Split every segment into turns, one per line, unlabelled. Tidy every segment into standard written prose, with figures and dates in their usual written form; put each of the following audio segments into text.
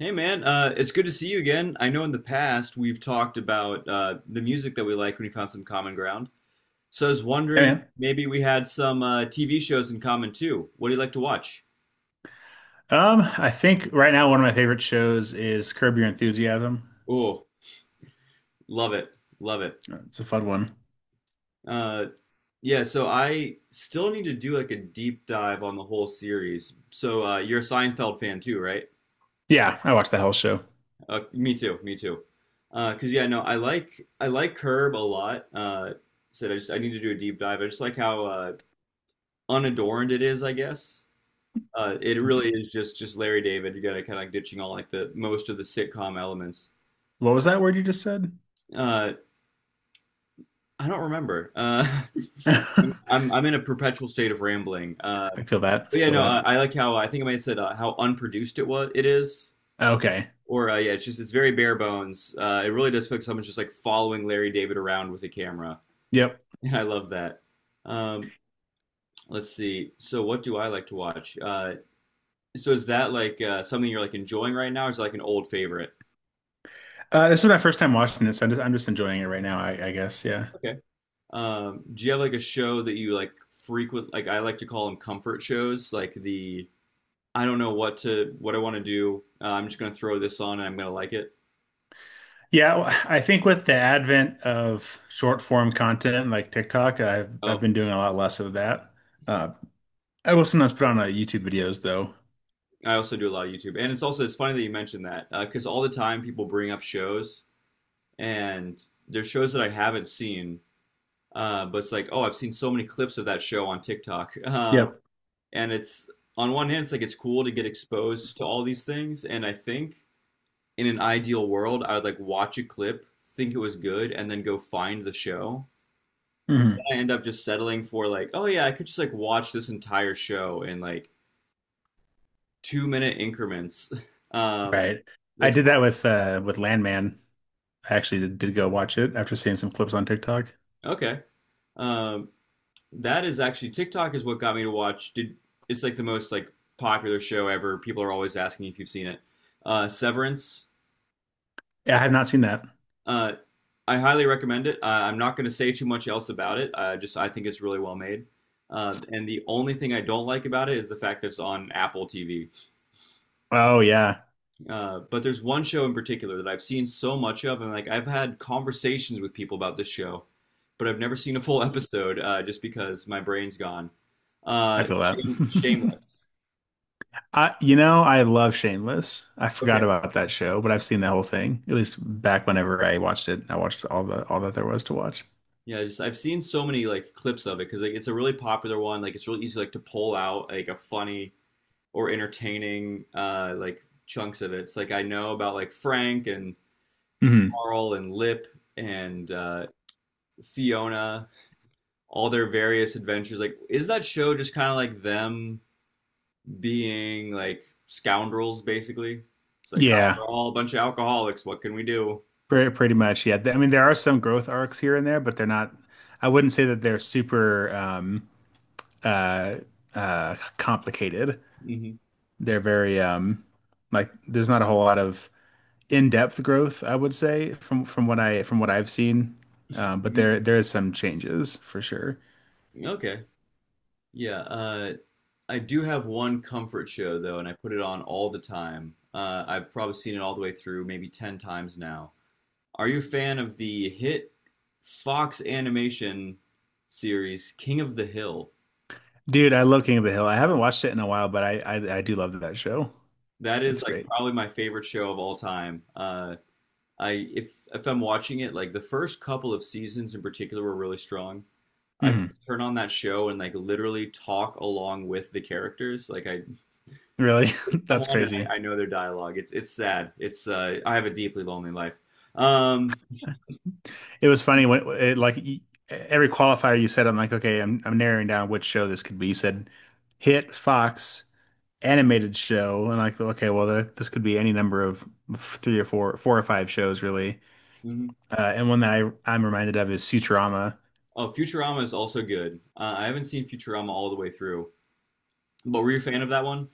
Hey man, it's good to see you again. I know in the past we've talked about the music that we like when we found some common ground. So I was
Yeah,
wondering
man.
maybe we had some TV shows in common too. What do you like to watch?
I think right now one of my favorite shows is Curb Your Enthusiasm.
Oh, love it, love it.
It's a fun one.
Uh, yeah, so I still need to do like a deep dive on the whole series. So you're a Seinfeld fan too, right?
Yeah, I watched the whole show.
Me too, me too. 'Cause yeah, no, I like Curb a lot. Said I just I need to do a deep dive. I just like how unadorned it is, I guess. It really is just Larry David. You got to kind of ditching all like the most of the sitcom elements.
What was that word you just said?
Uh, I don't remember.
I
I'm in a perpetual state of rambling. Uh,
feel that. I
but yeah,
feel
no, I,
that.
I like how I think I might have said how unproduced it was. It is,
Okay.
or yeah, it's just it's very bare bones. It really does feel like someone's just like following Larry David around with a camera.
Yep.
I love that. Um, let's see. So what do I like to watch? So is that like something you're like enjoying right now, or is it like an old favorite?
This is my first time watching this. I'm just enjoying it right now, I guess. Yeah.
Okay. Do you have like a show that you like frequent? Like I like to call them comfort shows. Like the I don't know what to what I want to do. I'm just gonna throw this on and I'm gonna like it.
Yeah, well, I think with the advent of short form content like TikTok, I've
Oh,
been doing a lot less of that. Uh, I will sometimes put on YouTube videos though.
I also do a lot of YouTube, and it's also it's funny that you mentioned that because all the time people bring up shows and there's shows that I haven't seen, but it's like oh I've seen so many clips of that show on TikTok,
Yep.
and it's on one hand it's like it's cool to get exposed to all these things, and I think in an ideal world, I would like watch a clip, think it was good, and then go find the show.
hmm
I end up just settling for like, oh yeah, I could just like watch this entire show in like 2-minute increments. Um,
Right. I
like
did
so,
that with Landman. I actually did go watch it after seeing some clips on TikTok.
okay, um, that is actually TikTok is what got me to watch. Did it's like the most like popular show ever. People are always asking if you've seen it. Severance.
Yeah, I have not seen that.
Uh, I highly recommend it. I'm not going to say too much else about it. I just I think it's really well made. And the only thing I don't like about it is the fact that it's on Apple TV.
Oh yeah,
But there's one show in particular that I've seen so much of, and like I've had conversations with people about this show, but I've never seen a full episode just because my brain's gone.
I
Uh,
feel that.
shameless.
I, you know, I love Shameless. I forgot
Okay.
about that show, but I've seen the whole thing. At least back whenever I watched it, I watched all that there was to watch.
Yeah, just I've seen so many like clips of it because like it's a really popular one. Like it's really easy like to pull out like a funny or entertaining like chunks of it. It's like I know about like Frank and
Hmm
Carl and Lip and Fiona, all their various adventures. Like, is that show just kind of like them being like scoundrels, basically? It's like, oh,
Yeah,
we're all a bunch of alcoholics. What can we do?
pretty much. Yeah, I mean, there are some growth arcs here and there, but they're not. I wouldn't say that they're super uh, complicated.
Hmm.
They're very like there's not a whole lot of in-depth growth, I would say, from what I from what I've seen. But
Hmm.
there is some changes for sure.
Okay. Yeah. I do have one comfort show, though, and I put it on all the time. I've probably seen it all the way through, maybe 10 times now. Are you a fan of the hit Fox animation series King of the Hill?
Dude, I love King of the Hill. I haven't watched it in a while, but I do love that show.
That is
It's
like
great.
probably my favorite show of all time. I if I'm watching it, like the first couple of seasons in particular were really strong. I could
Hmm
just turn on that show and like literally talk along with the characters. Like I
Really,
pick
that's
someone and I,
crazy.
I know their dialogue. It's sad. It's I have a deeply lonely life. Um,
It was funny when every qualifier you said, I'm like, okay, I'm narrowing down which show this could be. You said hit Fox animated show, and like, okay, well, this could be any number of three or four, four or five shows, really.
mhm.
And one that I'm reminded of is Futurama.
Oh, Futurama is also good. I haven't seen Futurama all the way through, but were you a fan of that one?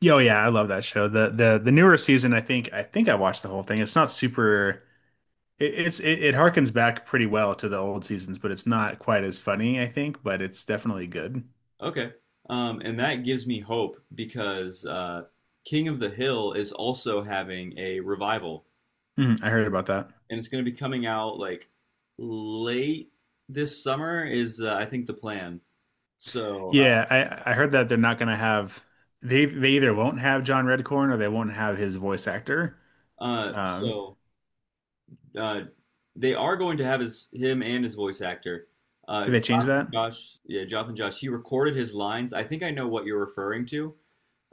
Yeah, oh yeah, I love that show. The newer season, I think I watched the whole thing. It's not super it harkens back pretty well to the old seasons, but it's not quite as funny, I think, but it's definitely good.
Okay. And that gives me hope because King of the Hill is also having a revival,
Mhm, I heard about that.
and it's going to be coming out like late this summer is I think the plan. So, uh,
Yeah, I heard that they're not gonna have they either won't have John Redcorn or they won't have his voice actor.
uh,
Um,
so uh, they are going to have his him and his voice actor.
did they change
Jonathan
that?
Josh, yeah, Jonathan Josh. He recorded his lines. I think I know what you're referring to.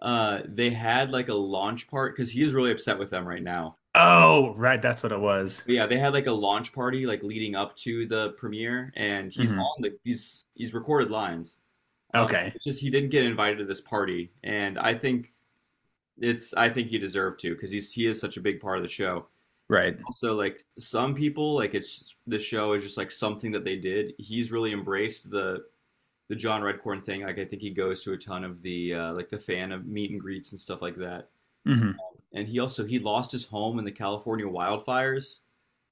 They had like a launch part because he is really upset with them right now.
Oh, right, that's what it was.
Yeah, they had like a launch party like leading up to the premiere, and he's
Hmm
on the he's recorded lines. Uh,
Okay,
it's just he didn't get invited to this party, and I think it's I think he deserved to because he is such a big part of the show.
right.
Also, like some people, like it's the show is just like something that they did. He's really embraced the John Redcorn thing. Like I think he goes to a ton of the like the fan of meet and greets and stuff like that.
hmm
And he also he lost his home in the California wildfires.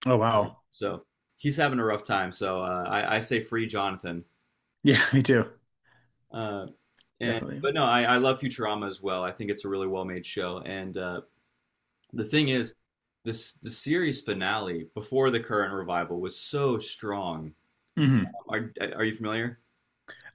Oh wow.
So he's having a rough time. So I say free Jonathan.
Yeah, me too.
Uh, and
Definitely.
but no, I love Futurama as well. I think it's a really well made show. And the thing is, this the series finale before the current revival was so strong.
Mhm.
Are you familiar?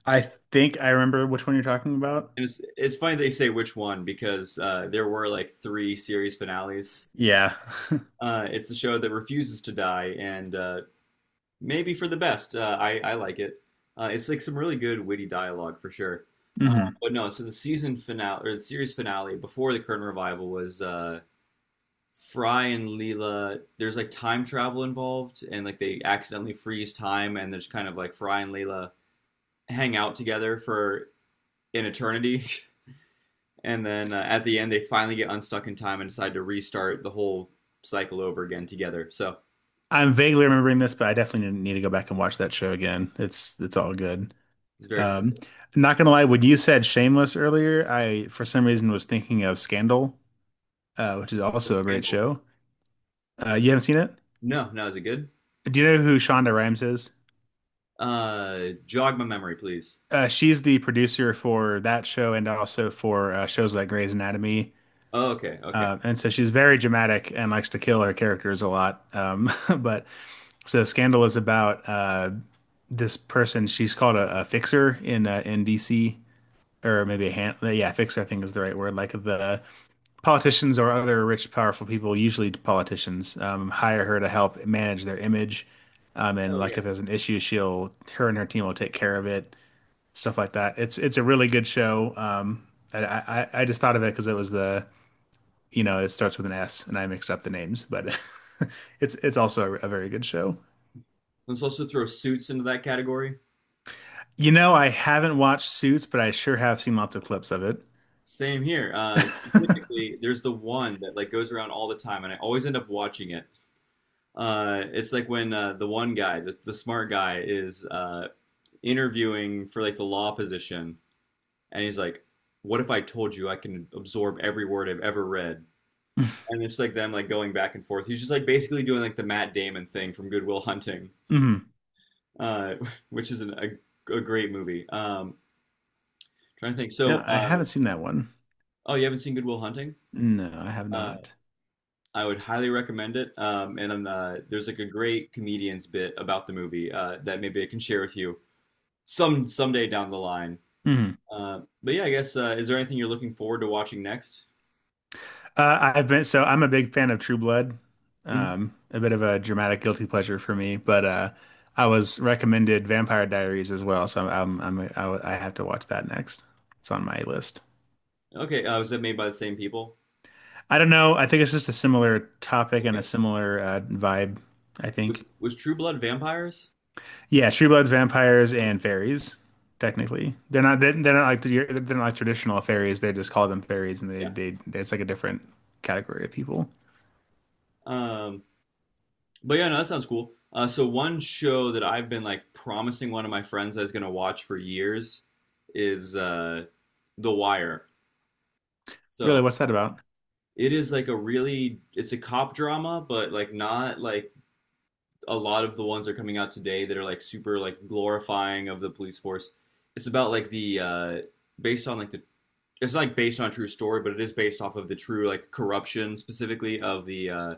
I think I remember which one you're talking about.
And it's funny they say which one because there were like three series finales.
Yeah.
It's the show that refuses to die and maybe for the best. I like it. It's like some really good witty dialogue for sure. Uh,
hmm
but no, so the season finale or the series finale before the current revival was Fry and Leela. There's like time travel involved, and like they accidentally freeze time, and there's kind of like Fry and Leela hang out together for an eternity, and then at the end they finally get unstuck in time and decide to restart the whole cycle over again together. So
I'm vaguely remembering this, but I definitely need to go back and watch that show again. It's all good.
it's very
Um,
hard.
not gonna lie, when you said Shameless earlier, I for some reason was thinking of Scandal, which is
It's a
also a great
handle.
show. You haven't seen it?
No, no, is it good?
Do you know who Shonda Rhimes is?
Jog my memory, please.
She's the producer for that show and also for shows like Grey's Anatomy.
Oh, okay, okay.
And so she's very dramatic and likes to kill her characters a lot. But so Scandal is about this person. She's called a fixer in DC, or maybe a hand. Yeah, fixer I think is the right word. Like the politicians or other rich, powerful people, usually politicians, hire her to help manage their image. And
Oh
like
yeah.
if there's an issue, she'll her and her team will take care of it, stuff like that. It's a really good show. I just thought of it because it was the you know it starts with an S, and I mixed up the names, but it's also a very good show.
Let's also throw suits into that category.
You know, I haven't watched Suits, but I sure have seen lots of clips of it.
Same here. Specifically, there's the one that like goes around all the time, and I always end up watching it. It's like when the one guy, the smart guy, is interviewing for like the law position, and he's like, "What if I told you I can absorb every word I've ever read?" And it's like them like going back and forth. He's just like basically doing like the Matt Damon thing from Good Will Hunting.
hmm
uh, which is a great movie. Trying to think. So,
Yeah, I haven't seen that one.
oh, you haven't seen Good Will Hunting?
No, I have
Uh,
not.
I would highly recommend it. And then, there's like a great comedian's bit about the movie that maybe I can share with you someday down the line.
Hmm
But yeah, I guess is there anything you're looking forward to watching next?
I've been so I'm a big fan of True Blood.
Mhm.
A bit of a dramatic guilty pleasure for me, but I was recommended Vampire Diaries as well, so I have to watch that next. It's on my list.
Okay, was that made by the same people?
I don't know. I think it's just a similar topic and
Okay.
a similar vibe, I think.
Was True Blood vampires?
Yeah, Truebloods, vampires, and fairies. Technically, they're not like traditional fairies. They just call them fairies, and
Yeah.
they it's like a different category of people.
Um, but yeah, no, that sounds cool. So one show that I've been like promising one of my friends I was gonna watch for years is The Wire. So
Really, what's that about?
it is like a really, it's a cop drama, but like not like a lot of the ones that are coming out today that are like super like glorifying of the police force. It's about like the based on like the it's not like based on a true story, but it is based off of the true like corruption specifically of the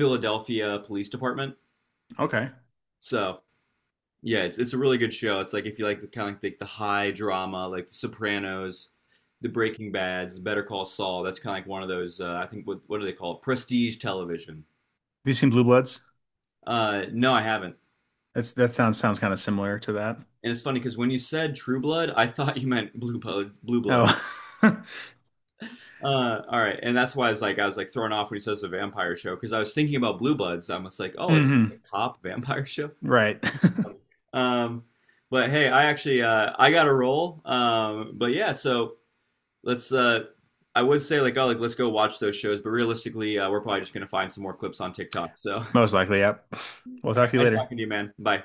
Philadelphia Police Department.
Okay,
So yeah, it's a really good show. It's like if you like the kind of like the high drama, like The Sopranos, The Breaking Bads, Better Call Saul. That's kind of like one of those. I think what do they call it? Prestige television.
these seem blue bloods.
No, I haven't.
That sounds kind of similar to that.
And it's funny because when you said True Blood, I thought you meant Blue Blood. Blue Blood.
Oh,
All right, and that's why I was like thrown off when he says the vampire show because I was thinking about Blue Bloods. I was like, oh, like
hmm
a cop vampire show.
right.
Um, but hey, I actually I got a role. But yeah, so. Let's I would say like oh like let's go watch those shows, but realistically, we're probably just gonna find some more clips on TikTok. So
Most likely, yep. We'll talk to you
nice
later.
talking to you, man. Bye.